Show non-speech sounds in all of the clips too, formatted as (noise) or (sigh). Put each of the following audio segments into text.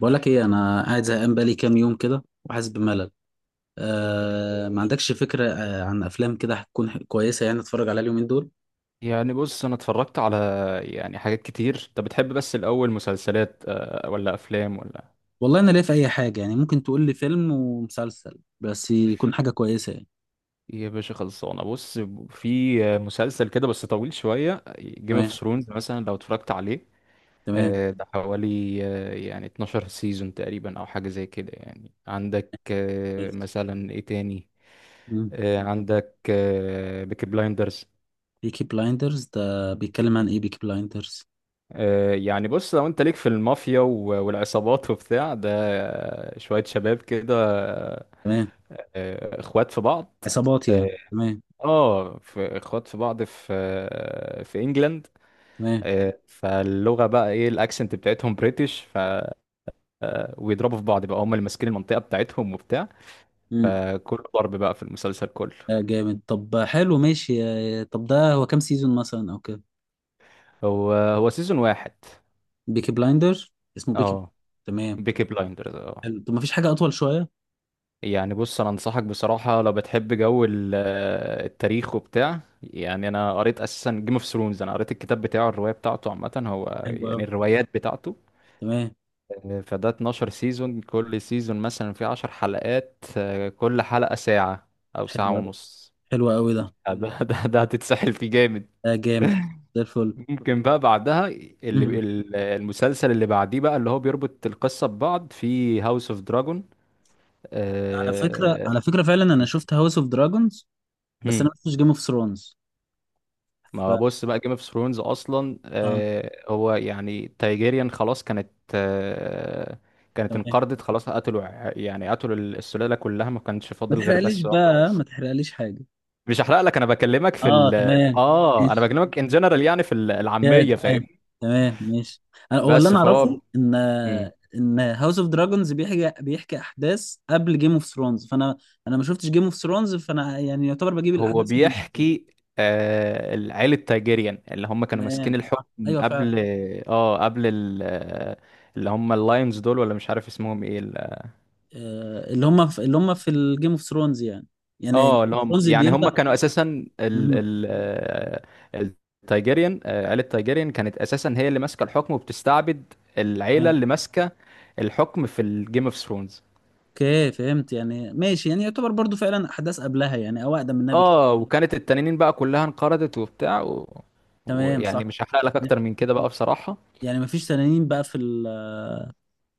بقول لك ايه، انا قاعد زهقان بقالي كام يوم كده وحاسس بملل. آه، ما عندكش فكره عن افلام كده هتكون كويسه يعني اتفرج عليها اليومين دول؟ يعني بص، انا اتفرجت على يعني حاجات كتير انت بتحب. بس الاول مسلسلات، ولا افلام ولا والله انا ليا في اي حاجه، يعني ممكن تقول لي فيلم ومسلسل بس يكون حاجه كويسه يعني. إيه؟ يا باشا، خلصانه. بص، في مسلسل كده بس طويل شويه، جيم اوف تمام. ثرونز مثلا لو اتفرجت عليه. تمام. ده حوالي يعني 12 سيزون تقريبا او حاجه زي كده. يعني عندك مثلا ايه تاني؟ عندك بيكي بلايندرز. بيكي بلايندرز ده مهم. بيتكلم عن ايه، بيكي بلايندرز؟ يعني بص، لو انت ليك في المافيا والعصابات وبتاع ده، شوية شباب كده، تمام. اخوات في بعض. عصابات اه، يعني، تمام. في اخوات في بعض في انجلند. تمام. فاللغه بقى ايه؟ الاكسنت بتاعتهم بريتش. ف ويضربوا في بعض بقى، هم اللي ماسكين المنطقه بتاعتهم وبتاع، امم فكله ضرب بقى في المسلسل كله. آه، جامد. طب حلو، ماشي. طب ده هو كام سيزون مثلا او كده؟ هو سيزون واحد. بيكي بلايندر. اسمه بيكي؟ اه تمام. بيكي بلايندرز اه. حلو. طب ما فيش حاجه اطول شويه؟ يعني بص، انا انصحك بصراحه، لو بتحب جو التاريخ وبتاع، يعني انا قريت اساسا جيم اوف ثرونز، انا قريت الكتاب بتاعه، الروايه بتاعته، عامه هو حلو يعني أوي. الروايات بتاعته. تمام. فده 12 سيزون، كل سيزون مثلا فيه 10 حلقات، كل حلقة ساعة أو حلو ساعة أوي. ونص. حلو أوي ده. (laughs) ده هتتسحل فيه جامد. ده جامد، حلو. (laughs) زي الفل. ممكن بقى بعدها اللي مم. المسلسل اللي بعديه بقى اللي هو بيربط القصة ببعض، في هاوس اوف دراجون. على فكرة، فعلا أنا شفت هاوس أوف دراجونز، بس أنا هم. ما شفتش جيم أوف ثرونز. ف ما بص بقى، جيم اوف ثرونز اصلا آه، هو يعني تايجيريان خلاص كانت تمام. انقرضت خلاص، قتلوا يعني قتلوا السلالة كلها، ما كانش ما فاضل غير تحرقليش بس واحدة. بقى، ما تحرقليش حاجة. مش هحرق لك، انا بكلمك في آه ال. تمام، اه انا ماشي. بكلمك ان جنرال، يعني في يا العاميه، تمام. فاهم. تمام، ماشي. هو اللي بس أنا فهو. أعرفه إن مم. إن هاوس أوف دراجونز بيحكي أحداث قبل جيم أوف ثرونز، فأنا أنا ما شفتش جيم أوف ثرونز، فأنا يعني يعتبر بجيب هو الأحداث من... بيحكي آه العيله تايجيريان اللي هم كانوا ماسكين تمام، صح، الحكم أيوه فعلا. قبل، اه قبل ال... اللي هم اللاينز دول ولا مش عارف اسمهم ايه اللي هم في اللي هم في الجيم اوف ثرونز يعني. يعني جيم اه اللي اوف هم ثرونز يعني هم بيبدا. كانوا اساسا (laughs) ال مم. ال التايجيريان، عيله تايجيريان كانت اساسا هي اللي ماسكه الحكم، وبتستعبد العيله تمام. اللي ماسكه الحكم في الجيم اوف ثرونز. اوكي، فهمت يعني، ماشي. يعني يعتبر برضو فعلا احداث قبلها يعني، او اقدم منها بكتير. اه، وكانت التنانين بقى كلها انقرضت وبتاع و... تمام صح. ويعني مش هحرق لك اكتر من كده (laughs) بقى بصراحة. يعني ما فيش تنانين بقى في ال...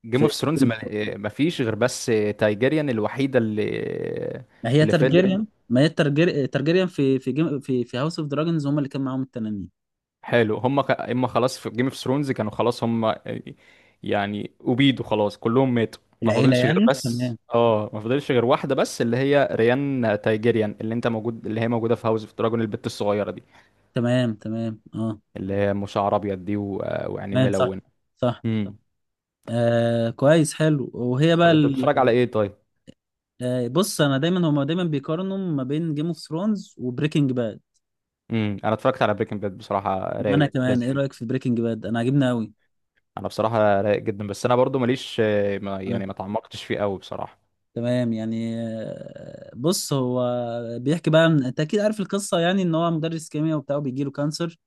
جيم في اوف ثرونز ما... ما فيش غير بس تايجيريان الوحيدة اللي ما هي اللي فضلت. ترجيريان، ما هي الترجير... ترجيريان في في جيم... في في هاوس اوف دراجونز هم اللي كان معاهم التنانين. حلو، هم ك... اما خلاص في جيم اوف ثرونز كانوا خلاص هم يعني أبيدوا خلاص كلهم ماتوا، ما العيله فاضلش غير يعني، تمام. بس اه، ما فاضلش غير واحدة بس، اللي هي ريان تايجيريان اللي انت موجود، اللي هي موجودة في هاوس اوف دراجون، البت الصغيرة دي تمام. تمام اه. اللي هي مشعر ابيض دي و... ويعني تمام، صح. ملونة. صح. امم. آه كويس، حلو. وهي بقى طب انت ال... بتتفرج على ايه طيب؟ بص انا دايما، هما دايما بيقارنوا ما بين جيم اوف ثرونز وبريكنج باد. انا اتفرجت على بريكنج باد، بصراحه وانا رايق كمان، ايه لذيذ. رايك في بريكنج باد؟ انا عاجبني قوي. انا بصراحه رايق جدا، بس انا برضو ماليش ما يعني ما تعمقتش فيه قوي بصراحه. تمام يعني. بص، هو بيحكي بقى انت اكيد عارف القصه يعني، ان هو مدرس كيمياء وبتاع وبيجيله كانسر.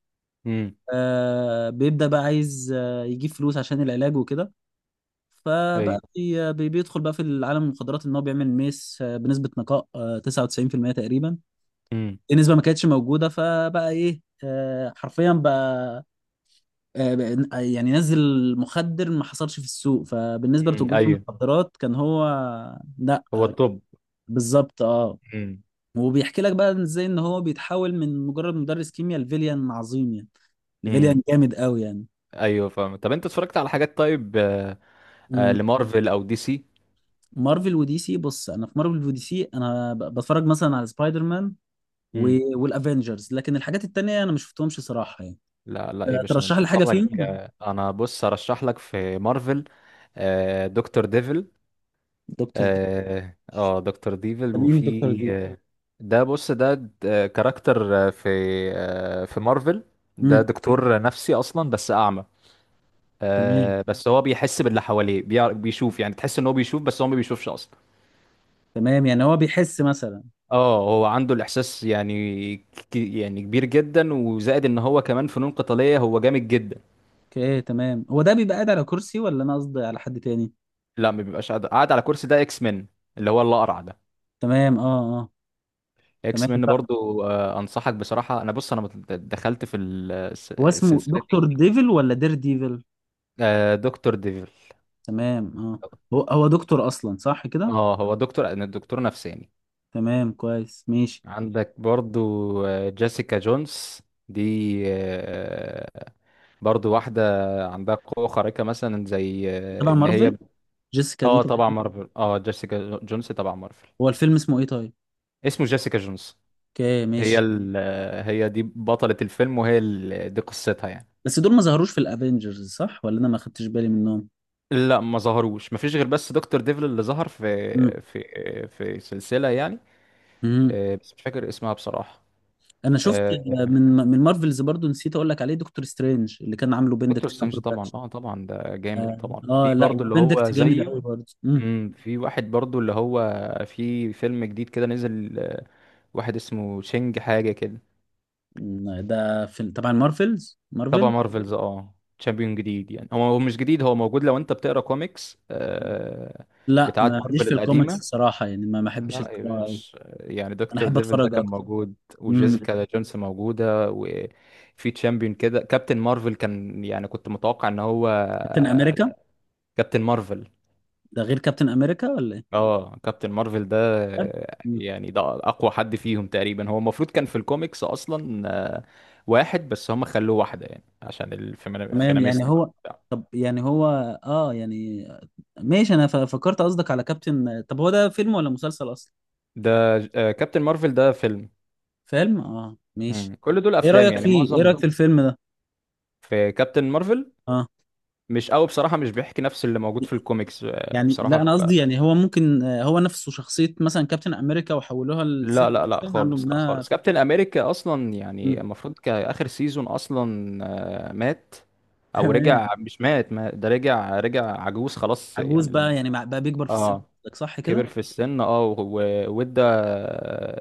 امم آه، بيبدا بقى عايز يجيب فلوس عشان العلاج وكده. ايوه. فبقى بيدخل بقى في العالم المخدرات، ان هو بيعمل ميس بنسبه نقاء 99% تقريبا. امم. دي نسبه ما كانتش موجوده، فبقى ايه حرفيا بقى، آه، يعني نزل مخدر ما حصلش في السوق. فبالنسبه لتجار ايوه. المخدرات كان هو... لا هو الطب. بالظبط، اه. امم. وبيحكي لك بقى ازاي ان هو بيتحول من مجرد مدرس كيمياء لفيليان عظيم يعني، لفيليان امم جامد قوي يعني. ايوه فاهم. طب انت اتفرجت على حاجات طيب، مم. لمارفل او دي سي؟ مارفل ودي سي. بص انا في مارفل ودي سي انا بتفرج مثلا على سبايدر مان امم. والافينجرز، لكن الحاجات التانية انا ما شفتهمش صراحة يعني. لا لا، ايه باشا ترشح انت لي حاجة اتفرج، فيهم؟ انا بص ارشح لك في مارفل دكتور ديفل. دكتور دي؟ اه دكتور ديفل، مين دكتور وفي دي؟ ده بص ده كاركتر في في مارفل. ده امم. دكتور نفسي اصلا بس اعمى. تمام. بس هو بيحس باللي حواليه، بيعرف بيشوف يعني، تحس ان هو بيشوف بس هو ما بيشوفش اصلا. تمام يعني، هو بيحس مثلا. اه هو عنده الاحساس يعني يعني كبير جدا وزائد، ان هو كمان فنون قتاليه، هو جامد جدا. اوكي تمام. هو ده بيبقى قاعد على كرسي، ولا انا قصدي على حد تاني؟ لا، ما بيبقاش قاعد على كرسي. ده اكس مين اللي هو الاقرع ده. تمام، اه اه. اكس تمام، مين صح. برضو انصحك بصراحه، انا بص انا دخلت في هو اسمه السلسله. دكتور ديفل ولا دير ديفل؟ آه دكتور ديفل. تمام اه. هو هو دكتور اصلا صح كده؟ اه هو دكتور، أنا دكتور نفساني. تمام، كويس، ماشي. عندك برضو جيسيكا جونز. دي برضو واحدة عندها قوة خارقة، مثلا زي تبع ان هي. مارفل؟ جيسيكا دي اه تبع؟ طبعا مارفل، اه جيسيكا جونز طبعا مارفل. هو الفيلم اسمه ايه طيب؟ اسمه جيسيكا جونز. اوكي، هي ماشي. ال... هي دي بطلة الفيلم، وهي ال... دي قصتها يعني. بس دول ما ظهروش في الافينجرز صح، ولا انا ما خدتش بالي منهم؟ لا ما ظهروش، ما فيش غير بس دكتور ديفل اللي ظهر في امم. في في سلسلة يعني، امم. بس مش فاكر اسمها بصراحة. انا شفت آه، من مارفلز برضو، نسيت اقول لك عليه، دكتور سترينج اللي كان عامله دكتور بندكت سترينج طبعا، كامبرباتش. اه طبعا ده جامد اه. طبعا. في لا، برضو اللي هو بندكت جامد زيه. قوي برضه. امم. في واحد برضو اللي هو في فيلم جديد كده نزل، واحد اسمه تشينج حاجة كده. ده في طبعا مارفلز، تبع مارفل. مارفلز اه. تشامبيون جديد، يعني هو مش جديد، هو موجود لو انت بتقرا كوميكس لا، بتاعت ماليش مارفل في الكوميكس القديمة. الصراحه يعني، ما احبش لا يا القراءه أوي. باشا، يعني انا دكتور احب ديفل ده اتفرج كان اكتر. موجود، امم. وجيسيكا جونز موجودة، وفي تشامبيون كده. كابتن مارفل كان يعني كنت متوقع ان هو كابتن امريكا. كابتن مارفل. ده غير كابتن امريكا ولا ايه؟ اه كابتن مارفل ده طب. مم. يعني ده اقوى حد فيهم تقريبا، هو المفروض كان في الكوميكس اصلا آه، واحد، بس هم خلوه واحده يعني عشان تمام يعني الفيناميست بقى هو. وبتاع. طب يعني هو. اه يعني. ماشي، انا فكرت قصدك على كابتن. طب هو ده فيلم ولا مسلسل اصلا؟ ده كابتن مارفل ده فيلم. فيلم، اه، ماشي. مم. كل دول ايه افلام رايك يعني فيه، ايه معظم. رايك في الفيلم ده؟ في كابتن مارفل اه مش قوي بصراحه، مش بيحكي نفس اللي موجود في الكوميكس، يعني، بصراحه. لا انا قصدي يعني هو ممكن هو نفسه شخصيه مثلا كابتن امريكا وحولوها لا لست، لا لا عملوا خالص، لا منها. خالص، كابتن امريكا اصلا يعني مم. المفروض كاخر سيزون اصلا مات او تمام. رجع، مش مات، ما ده رجع، رجع عجوز خلاص عجوز يعني، بقى لما يعني، بقى بيكبر في السن، اه قصدك، صح كده؟ كبر في السن، اه وادى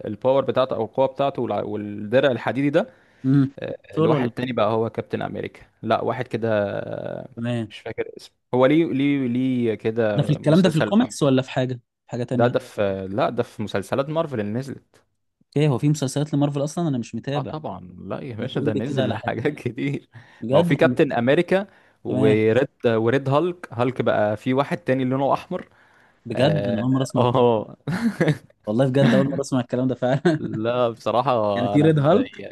الباور بتاعته او القوه بتاعته والدرع الحديدي ده امم. دكتور لواحد ولا... تاني بقى، هو كابتن امريكا، لا واحد كده تمام. مش فاكر اسمه، هو ليه ليه كده ده في الكلام ده في مسلسل لوحده. الكوميكس، ولا في حاجه، في حاجه ده تانية؟ ده في، لا ده في مسلسلات مارفل اللي نزلت. اوكي، هو في مسلسلات لمارفل اصلا؟ انا مش اه متابع. طبعا، لا يا طب ما باشا تقول ده لي كده نزل (laughs) على حاجه، حاجات كتير. ما هو في بجد. كابتن امريكا، تمام. وريد هالك بقى، في واحد تاني لونه احمر. بجد انا اه اول مره اسمع الكلام. آه. والله بجد اول مره اسمع الكلام ده فعلا. (laughs) (laughs) لا بصراحة، يعني في انا ريد ب- هالك؟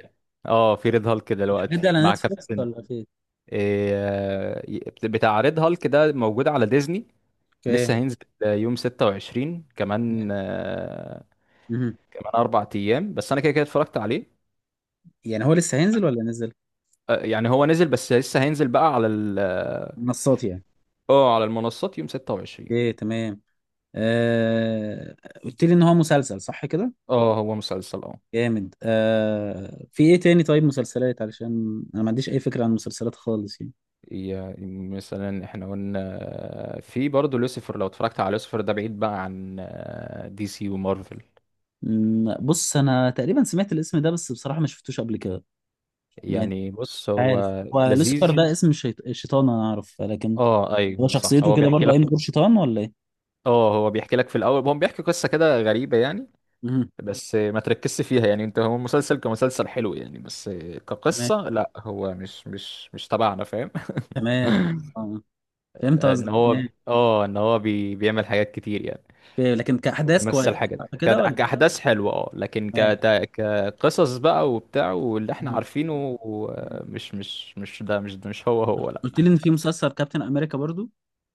اه في ريد هالك الحاجات دي دلوقتي على مع نتفلكس كابتن. ولا فين؟ إيه بتاع ريد هالك ده موجود على ديزني، اوكي. لسه هينزل يوم 26، كمان مهم. كمان 4 ايام بس، انا كده كده اتفرجت عليه. يعني هو لسه هينزل ولا نزل؟ يعني هو نزل بس لسه هينزل بقى على منصات يعني. اه على المنصات يوم 26. اوكي، تمام. آه... قلت لي ان هو مسلسل صح كده؟ اه هو مسلسل اه. جامد. آه، في ايه تاني طيب مسلسلات؟ علشان انا ما عنديش اي فكرة عن المسلسلات خالص يعني. يا- مثلا احنا قلنا في برضه لوسيفر، لو اتفرجت على لوسيفر ده بعيد بقى عن دي سي ومارفل. مم، بص انا تقريبا سمعت الاسم ده بس بصراحة ما شفتوش قبل كده. يعني يعني بص مش عارف، هو هو لوسيفر لذيذ. ده اسم الشيط... الشيطان انا اعرف، لكن اه ايوه هو صح، شخصيته هو كده بيحكي برضه عين لك. دور شيطان ولا ايه؟ اه هو بيحكي لك في الاول، هو بيحكي قصة كده غريبة يعني، مم. بس ما تركزش فيها يعني انت. هو مسلسل كمسلسل حلو يعني، بس تمام. كقصة لا، هو مش تبعنا فاهم. تمام. (laughs) آه. فهمت ان قصدك، هو تمام. اه ان هو بي بيعمل حاجات كتير يعني. في- لكن كأحداث كويس، بيمثل حاجة صح كده ولا؟ كأحداث حلوة اه، لكن تمام. كت... كقصص بقى وبتاع واللي احنا مم. عارفينه، مم. مش ده، مش ده، مش هو لا. قلت لي ان في مسلسل كابتن امريكا برضه؟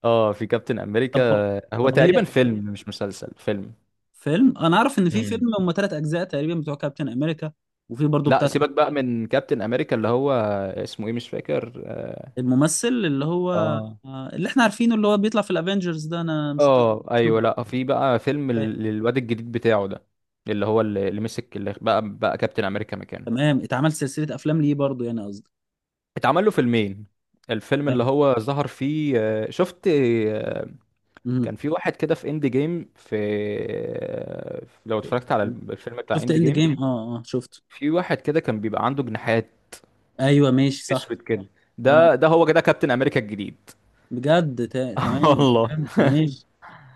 اه في كابتن طب هو- أمريكا هو طب هي... تقريبا فيلم مش مسلسل، فيلم. فيلم، انا اعرف ان في فيلم امم. هم ثلاث اجزاء تقريبا بتوع كابتن امريكا. وفي برضه لا بتاع سيبك بقى من كابتن أمريكا اللي هو اسمه ايه مش فاكر اه الممثل اللي هو اه، اللي احنا عارفينه اللي هو بيطلع في الافينجرز، ده انا مش متذكر اسمه ايوه، بالظبط. لا في بقى فيلم للواد الجديد بتاعه ده، اللي هو اللي مسك، اللي بقى كابتن أمريكا مكانه. تمام، اتعمل سلسله افلام ليه برضه يعني قصدي؟ اتعمل له فيلمين. الفيلم اللي تمام. هو ظهر فيه شفت مهم. كان في واحد كده في اند جيم، في لو اتفرجت على الفيلم بتاع شفت اند اند جيم. جيم، اه اه شفته. في واحد كده كان بيبقى عنده جناحات ايوه، ماشي، صح. اسود كده، اه، ده هو كده كابتن امريكا الجديد. بجد، (laughs) تمام، والله. فهمت، ماشي.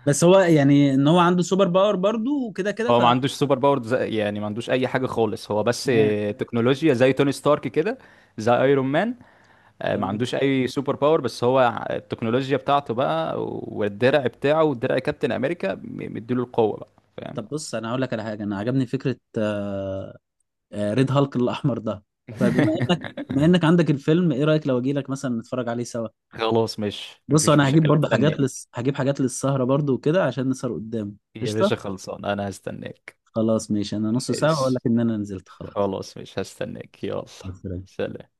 بس هو يعني ان هو عنده سوبر باور برضه وكده كده، هو ف... ما عندوش سوبر باور زي- يعني ما عندوش اي حاجه خالص، هو بس تمام. تكنولوجيا زي توني ستارك كده، زي ايرون مان، ما تمام. عندوش اي سوبر باور، بس هو التكنولوجيا بتاعته بقى، والدرع بتاعه ودرع كابتن امريكا مديله القوه بقى، فاهم. طب بص، انا هقول لك على حاجه، انا عجبني فكره ريد هالك الاحمر ده. فبما (laughs) انك عندك الفيلم، ايه رايك لو اجي لك مثلا نتفرج عليه سوا؟ خلاص، مش بص مفيش انا هجيب مشاكل، برضه حاجات استناك. لس... هجيب حاجات للسهره برضه وكده عشان نسهر قدام. يا قشطه. باشا خلصان، انا هستناك. خلاص، ماشي، انا نص ساعة واقول لك ماشي، ان انا نزلت خلاص. خلاص مش هستناك، يلا. مع السلامة. سلام.